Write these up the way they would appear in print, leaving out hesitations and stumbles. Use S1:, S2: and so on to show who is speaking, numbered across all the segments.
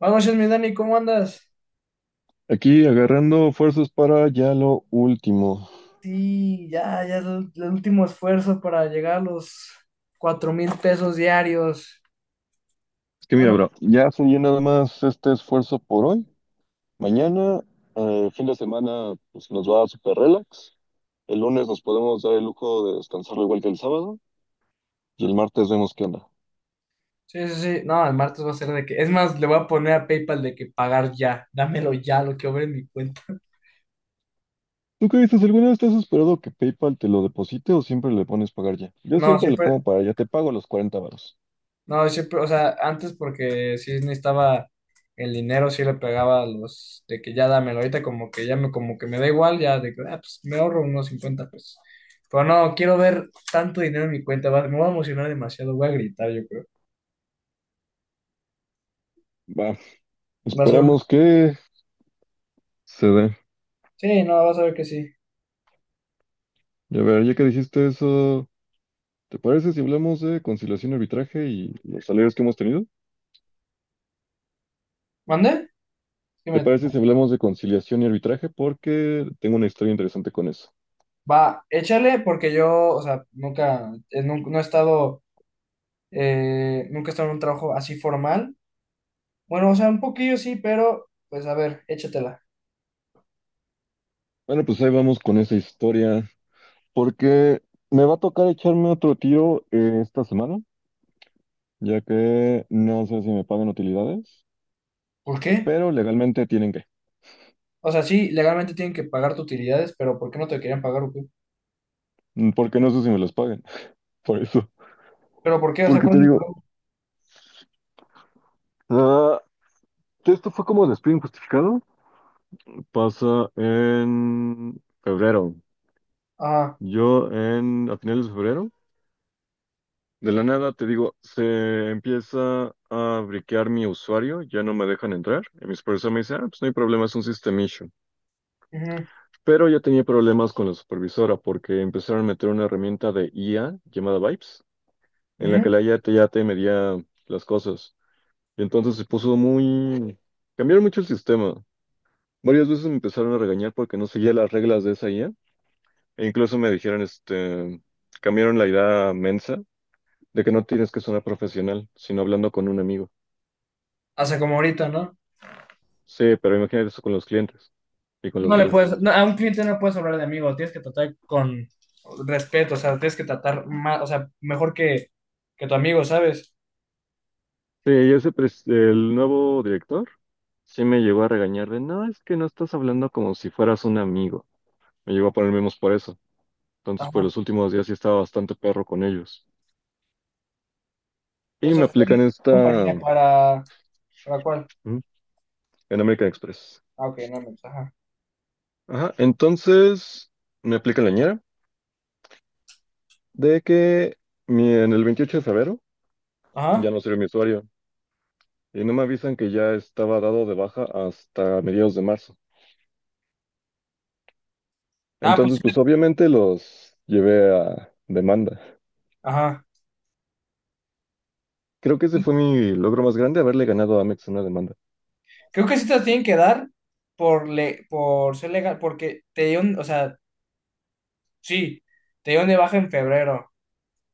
S1: Buenas noches, mi Dani, ¿cómo andas?
S2: Aquí agarrando fuerzas para ya lo último.
S1: Sí, ya, ya es el último esfuerzo para llegar a los 4,000 pesos diarios.
S2: Es que mira,
S1: Bueno,
S2: bro, ya fluye nada más este esfuerzo por hoy. Mañana, fin de semana, pues nos va súper relax. El lunes nos podemos dar el lujo de descansar igual que el sábado. Y el martes vemos qué onda.
S1: sí, sí, sí. No, el martes va a ser de que. Es más, le voy a poner a PayPal de que pagar ya. Dámelo ya, lo que obre en mi cuenta.
S2: ¿Tú qué dices? ¿Alguna vez te has esperado que PayPal te lo deposite o siempre le pones pagar ya? Yo
S1: No,
S2: siempre le
S1: siempre.
S2: pongo para ya, te pago los 40 varos.
S1: No, siempre, o sea, antes porque sí necesitaba el dinero, sí le pegaba a los de que ya dámelo, ahorita como que me da igual, ya de que, pues me ahorro unos 50 pesos. Pero no, quiero ver tanto dinero en mi cuenta, me voy a emocionar demasiado, voy a gritar, yo creo.
S2: Va,
S1: Va a ser una.
S2: esperemos que se dé.
S1: Sí, no, vas a ver que sí.
S2: Y a ver, ya que dijiste eso, ¿te parece si hablamos de conciliación y arbitraje y los salarios que hemos tenido?
S1: ¿Mande? Sí
S2: ¿Te
S1: me-
S2: parece si hablamos de conciliación y arbitraje? Porque tengo una historia interesante con eso.
S1: Va, échale porque yo, o sea, nunca, no, he estado, nunca he estado en un trabajo así formal. Bueno, o sea, un poquillo sí, pero pues a ver, échatela.
S2: Bueno, pues ahí vamos con esa historia, porque me va a tocar echarme otro tiro esta semana, ya que no sé si me pagan utilidades,
S1: ¿Por qué?
S2: pero legalmente tienen que,
S1: O sea, sí, legalmente tienen que pagarte utilidades, pero ¿por qué no te querían pagar o qué?
S2: porque no sé si me los paguen, por eso.
S1: ¿Pero por qué? O sea,
S2: Porque
S1: ¿cuál
S2: te
S1: es el
S2: digo,
S1: problema?
S2: ah, esto fue como despido injustificado, pasa en febrero.
S1: Ah.
S2: A finales de febrero de la nada, te digo, se empieza a briquear mi usuario, ya no me dejan entrar. Y mi supervisor me dice, pues no hay problema, es un system issue.
S1: Ujú.
S2: Pero yo tenía problemas con la supervisora porque empezaron a meter una herramienta de IA llamada Vibes, en la que
S1: Ujú.
S2: la IA te, ya te medía las cosas. Y entonces se puso muy. Cambiaron mucho el sistema. Varias veces me empezaron a regañar porque no seguía las reglas de esa IA. E incluso me dijeron, cambiaron la idea mensa de que no tienes que sonar profesional, sino hablando con un amigo.
S1: O sea, como ahorita, ¿no?
S2: Sí, pero imagínate eso con los clientes y con los
S1: No le
S2: gringos.
S1: puedes, no, a un cliente no puedes hablar de amigo, tienes que tratar con respeto, o sea, tienes que tratar más, o sea, mejor que tu amigo, ¿sabes?
S2: Sí, y el nuevo director sí me llegó a regañar de, no, es que no estás hablando como si fueras un amigo. Me llegó a poner menos por eso. Entonces, por
S1: Ajá.
S2: los últimos días sí estaba bastante perro con ellos. Y
S1: Eso
S2: me
S1: fue
S2: aplican
S1: compañía
S2: esta.
S1: ¿para cuál?
S2: ¿Mm? En American Express.
S1: Ah, ok, no, no, pues, ajá.
S2: Ajá, entonces me aplican la ñera de que en el 28 de febrero
S1: Ajá.
S2: ya no sirve mi usuario. Y no me avisan que ya estaba dado de baja hasta mediados de marzo.
S1: Ah, pues,
S2: Entonces, pues obviamente los llevé a demanda.
S1: ajá.
S2: Creo que ese fue mi logro más grande, haberle ganado a Amex en una demanda.
S1: Creo que sí te las tienen que dar por, le, por ser legal, porque te dieron, o sea, sí, te dieron de baja en febrero.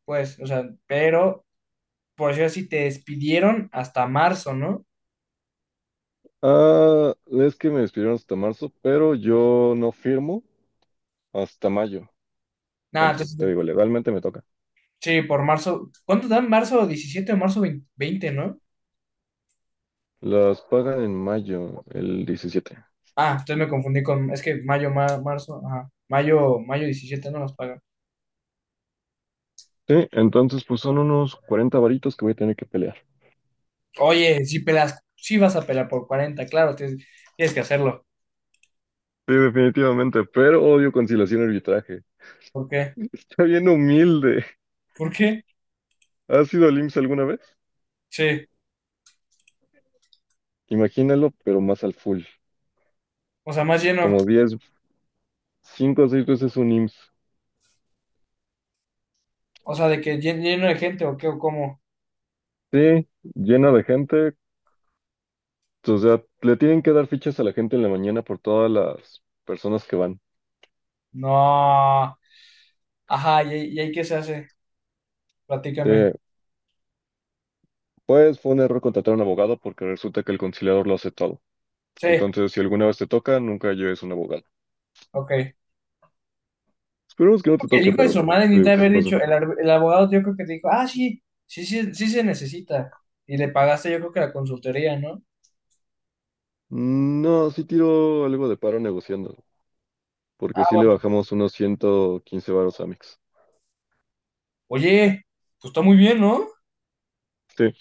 S1: Pues, o sea, pero por decir así, te despidieron hasta marzo, ¿no?
S2: Ah, es que me despidieron hasta marzo, pero yo no firmo hasta mayo.
S1: Nada,
S2: Entonces, te
S1: entonces,
S2: digo, legalmente me toca.
S1: sí, por marzo. ¿Cuánto dan? ¿Marzo 17 o marzo 20 no?
S2: Las pagan en mayo, el 17.
S1: Ah, entonces me confundí con, es que mayo, marzo, ajá, mayo, mayo 17 no nos pagan.
S2: Sí, entonces pues son unos 40 varitos que voy a tener que pelear.
S1: Oye, si vas a pelar por 40 claro, tienes que hacerlo.
S2: Sí, definitivamente, pero odio conciliación y arbitraje.
S1: ¿Por qué?
S2: Está bien humilde.
S1: ¿Por qué?
S2: ¿Has ido al IMSS alguna vez?
S1: Sí,
S2: Imagínalo, pero más al full.
S1: o sea, más lleno,
S2: Como 10 cinco o seis veces un IMSS.
S1: o sea, de que lleno de gente o qué o cómo.
S2: Sí, llena de gente. O sea, le tienen que dar fichas a la gente en la mañana por todas las personas que van.
S1: No, ajá, y ahí qué se hace?
S2: Sí,
S1: Platícame.
S2: pues fue un error contratar a un abogado porque resulta que el conciliador lo hace todo.
S1: Sí,
S2: Entonces, si alguna vez te toca, nunca lleves un abogado.
S1: ok.
S2: Esperemos que no te
S1: El
S2: toque,
S1: hijo de su
S2: pero
S1: madre
S2: te
S1: necesita
S2: digo,
S1: haber
S2: si pasa.
S1: dicho, el abogado yo creo que te dijo, ah, sí, sí, sí, sí se necesita. Y le pagaste yo creo que la consultoría, ¿no?
S2: Mm, no, sí tiro algo de paro negociando,
S1: Ah,
S2: porque sí le bajamos unos 115 varos a Mix.
S1: oye, pues está muy bien, ¿no?
S2: Sí,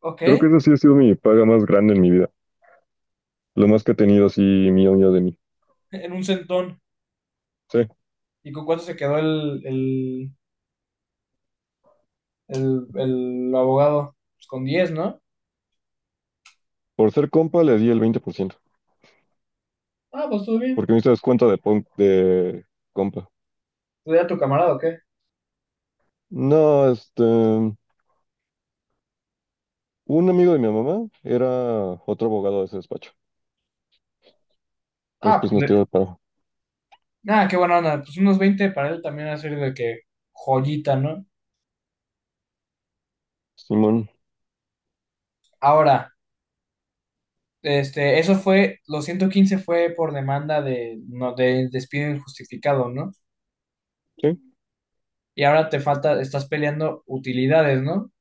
S1: Ok,
S2: creo que esa sí ha sido mi paga más grande en mi vida. Lo más que he tenido así mío, mío de mí.
S1: en un centón.
S2: Sí.
S1: ¿Y con cuánto se quedó el abogado? Pues con 10, ¿no?
S2: Por ser compa le di el 20%,
S1: Ah, pues todo bien.
S2: porque me hizo descuento de, de compa.
S1: ¿Tú a tu camarada o qué?
S2: No, un amigo de mi mamá era otro abogado de ese despacho. Entonces,
S1: Ah,
S2: pues
S1: pues
S2: nos tiró el paro.
S1: nada, qué buena onda. Pues unos 20 para él también va a ser de que joyita, ¿no?
S2: Simón,
S1: Ahora. Este, eso fue, los 115 fue por demanda de, no, de despido injustificado, ¿no?
S2: sí.
S1: Y ahora te falta, estás peleando utilidades, ¿no?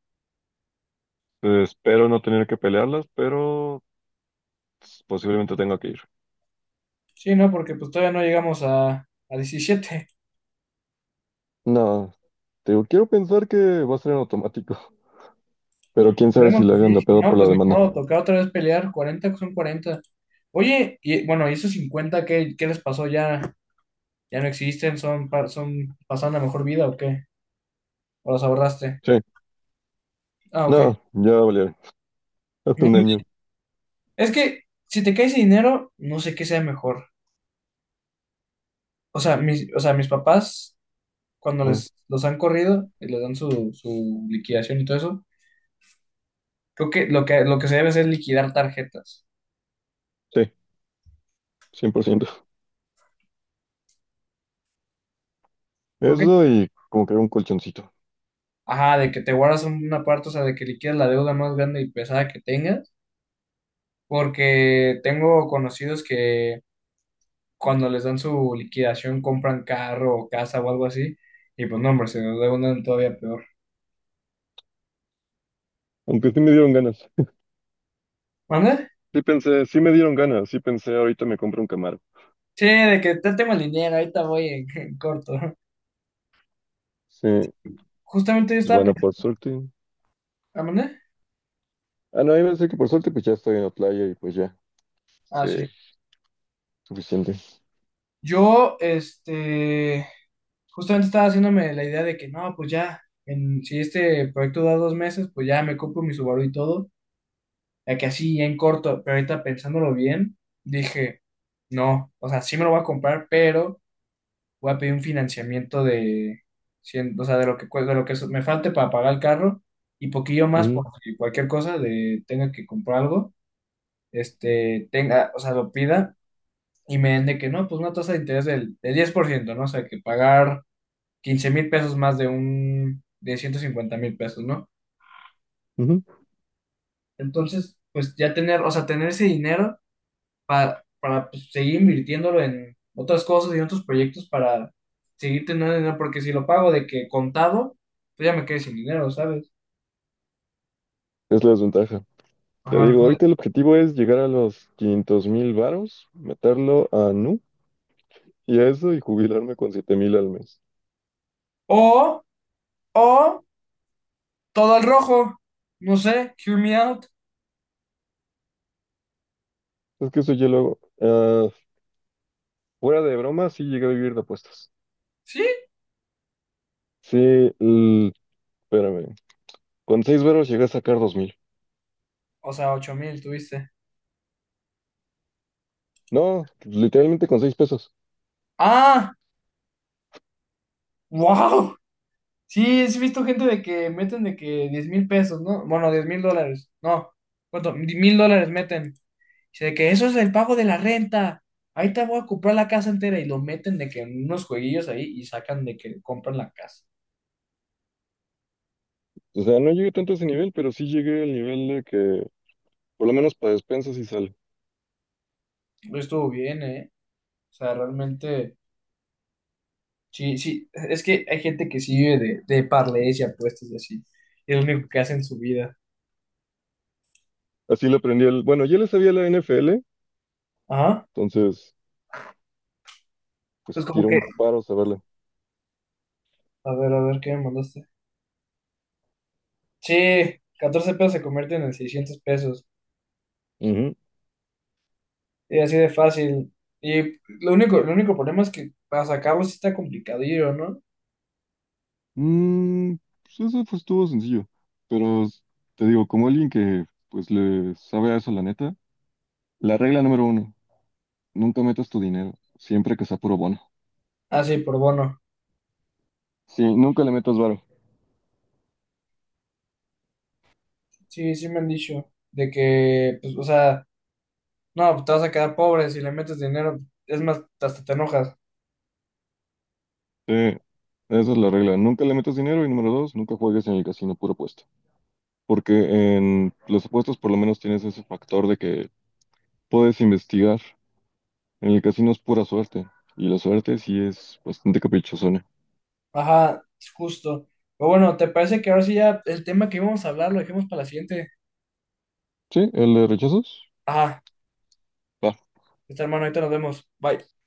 S2: Espero no tener que pelearlas, pero pues, posiblemente tenga que ir.
S1: Sí, ¿no? Porque pues todavía no llegamos a, 17.
S2: No, te digo, quiero pensar que va a ser en automático, pero quién sabe si
S1: Esperemos
S2: le
S1: que
S2: hagan
S1: sí,
S2: de
S1: si
S2: pedo
S1: no,
S2: por la
S1: pues ni
S2: demanda.
S1: modo, toca otra vez pelear, 40 son 40. Oye, y bueno, ¿y esos 50 qué, qué les pasó? ¿Ya, ya no existen? ¿Son pasando la mejor vida o qué? ¿O los ahorraste?
S2: Sí,
S1: Ah, ok.
S2: no, ya valieron. Hasta
S1: Muy
S2: un año.
S1: bien. Es que si te cae ese dinero, no sé qué sea mejor. O sea, mis papás cuando
S2: Ajá,
S1: los han corrido y les dan su liquidación y todo eso, creo que lo que se debe hacer es liquidar tarjetas.
S2: sí, 100%.
S1: Creo que,
S2: Eso y como que un colchoncito.
S1: ajá, de que te guardas una parte, o sea, de que liquidas la deuda más grande y pesada que tengas, porque tengo conocidos que cuando les dan su liquidación compran carro o casa o algo así, y pues no, hombre, se deudan todavía peor.
S2: Aunque sí me dieron ganas.
S1: ¿Mande?
S2: Sí pensé, sí me dieron ganas, sí pensé, ahorita me compro un Camaro.
S1: Sí, de que te tengo el dinero, ahorita voy en, corto.
S2: Sí,
S1: Justamente yo
S2: pues
S1: estaba
S2: bueno, por
S1: pensando,
S2: suerte.
S1: ¿mande?
S2: Ah, no, yo pensé que por suerte pues ya estoy en la playa y pues ya,
S1: Ah,
S2: sí,
S1: sí.
S2: suficiente.
S1: Yo, este, justamente estaba haciéndome la idea de que no, pues ya, si este proyecto da 2 meses, pues ya me compro mi Subaru y todo, ya que así ya en corto, pero ahorita pensándolo bien, dije, no, o sea, sí me lo voy a comprar, pero voy a pedir un financiamiento de, o sea, de lo que me falte para pagar el carro y poquillo más por
S2: Ujú,
S1: si cualquier cosa de tenga que comprar algo, este, tenga, o sea, lo pida y me den de que no, pues una tasa de interés del 10%, ¿no? O sea, que pagar 15,000 pesos más de un, de 150,000 pesos, ¿no?
S2: ujú.
S1: Entonces, pues ya tener, o sea, tener ese dinero para pues, seguir invirtiéndolo en otras cosas y en otros proyectos para seguir teniendo dinero, porque si lo pago de que contado, pues ya me quedé sin dinero, ¿sabes?
S2: Es la desventaja. Te
S1: Ajá.
S2: digo, ahorita el objetivo es llegar a los 500,000 varos, meterlo a Nu y a eso y jubilarme con 7,000 al mes.
S1: O, o todo al rojo, no sé, hear me out,
S2: Es que eso yo lo hago. Fuera de broma, sí llegué a vivir de apuestas.
S1: ¿sí?
S2: Sí, l- espérame, con 6 varos llegué a sacar 2,000.
S1: O sea, 8,000 tuviste.
S2: No, literalmente con 6 pesos.
S1: Ah, wow. Sí, sí he visto gente de que meten de que 10,000 pesos, ¿no? Bueno, $10,000, no, ¿cuánto? $1,000 meten. Dice de que eso es el pago de la renta. Ahí te voy a comprar la casa entera y lo meten de que en unos jueguillos ahí y sacan de que compran la casa.
S2: O sea, no llegué tanto a ese nivel, pero sí llegué al nivel de que, por lo menos para despensas sí sale.
S1: Lo estuvo bien, ¿eh? O sea, realmente, sí, sí, es que hay gente que sí vive de parleys y apuestas y así. Y es lo único que hace en su vida.
S2: Así le aprendí el. Bueno, ya le sabía la NFL,
S1: Ajá.
S2: entonces,
S1: Pues
S2: pues
S1: como
S2: tiré
S1: que,
S2: un paro a saberla.
S1: a ver, ¿qué me mandaste? Sí, 14 pesos se convierten en 600 pesos.
S2: Ujú.
S1: Y así de fácil. Y lo único, el único problema es que para sacarlo sí está complicadillo, ¿no?
S2: Mm, pues eso fue estuvo sencillo. Pero te digo, como alguien que pues le sabe a eso, la neta, la regla número uno, nunca metas tu dinero, siempre que sea puro bono.
S1: Ah, sí, por bono.
S2: Sí, nunca le metas varo.
S1: Sí, sí me han dicho. De que, pues, o sea, no, pues, te vas a quedar pobre si le metes dinero. Es más, hasta te enojas.
S2: Sí, esa es la regla. Nunca le metas dinero y número dos, nunca juegues en el casino puro puesto. Porque en los apuestas por lo menos tienes ese factor de que puedes investigar. En el casino es pura suerte, y la suerte sí es bastante caprichosona.
S1: Ajá, es justo. Pero bueno, ¿te parece que ahora sí ya el tema que íbamos a hablar lo dejemos para la siguiente?
S2: Sí, el de rechazos,
S1: Ajá,
S2: va.
S1: está hermano, ahorita nos vemos. Bye.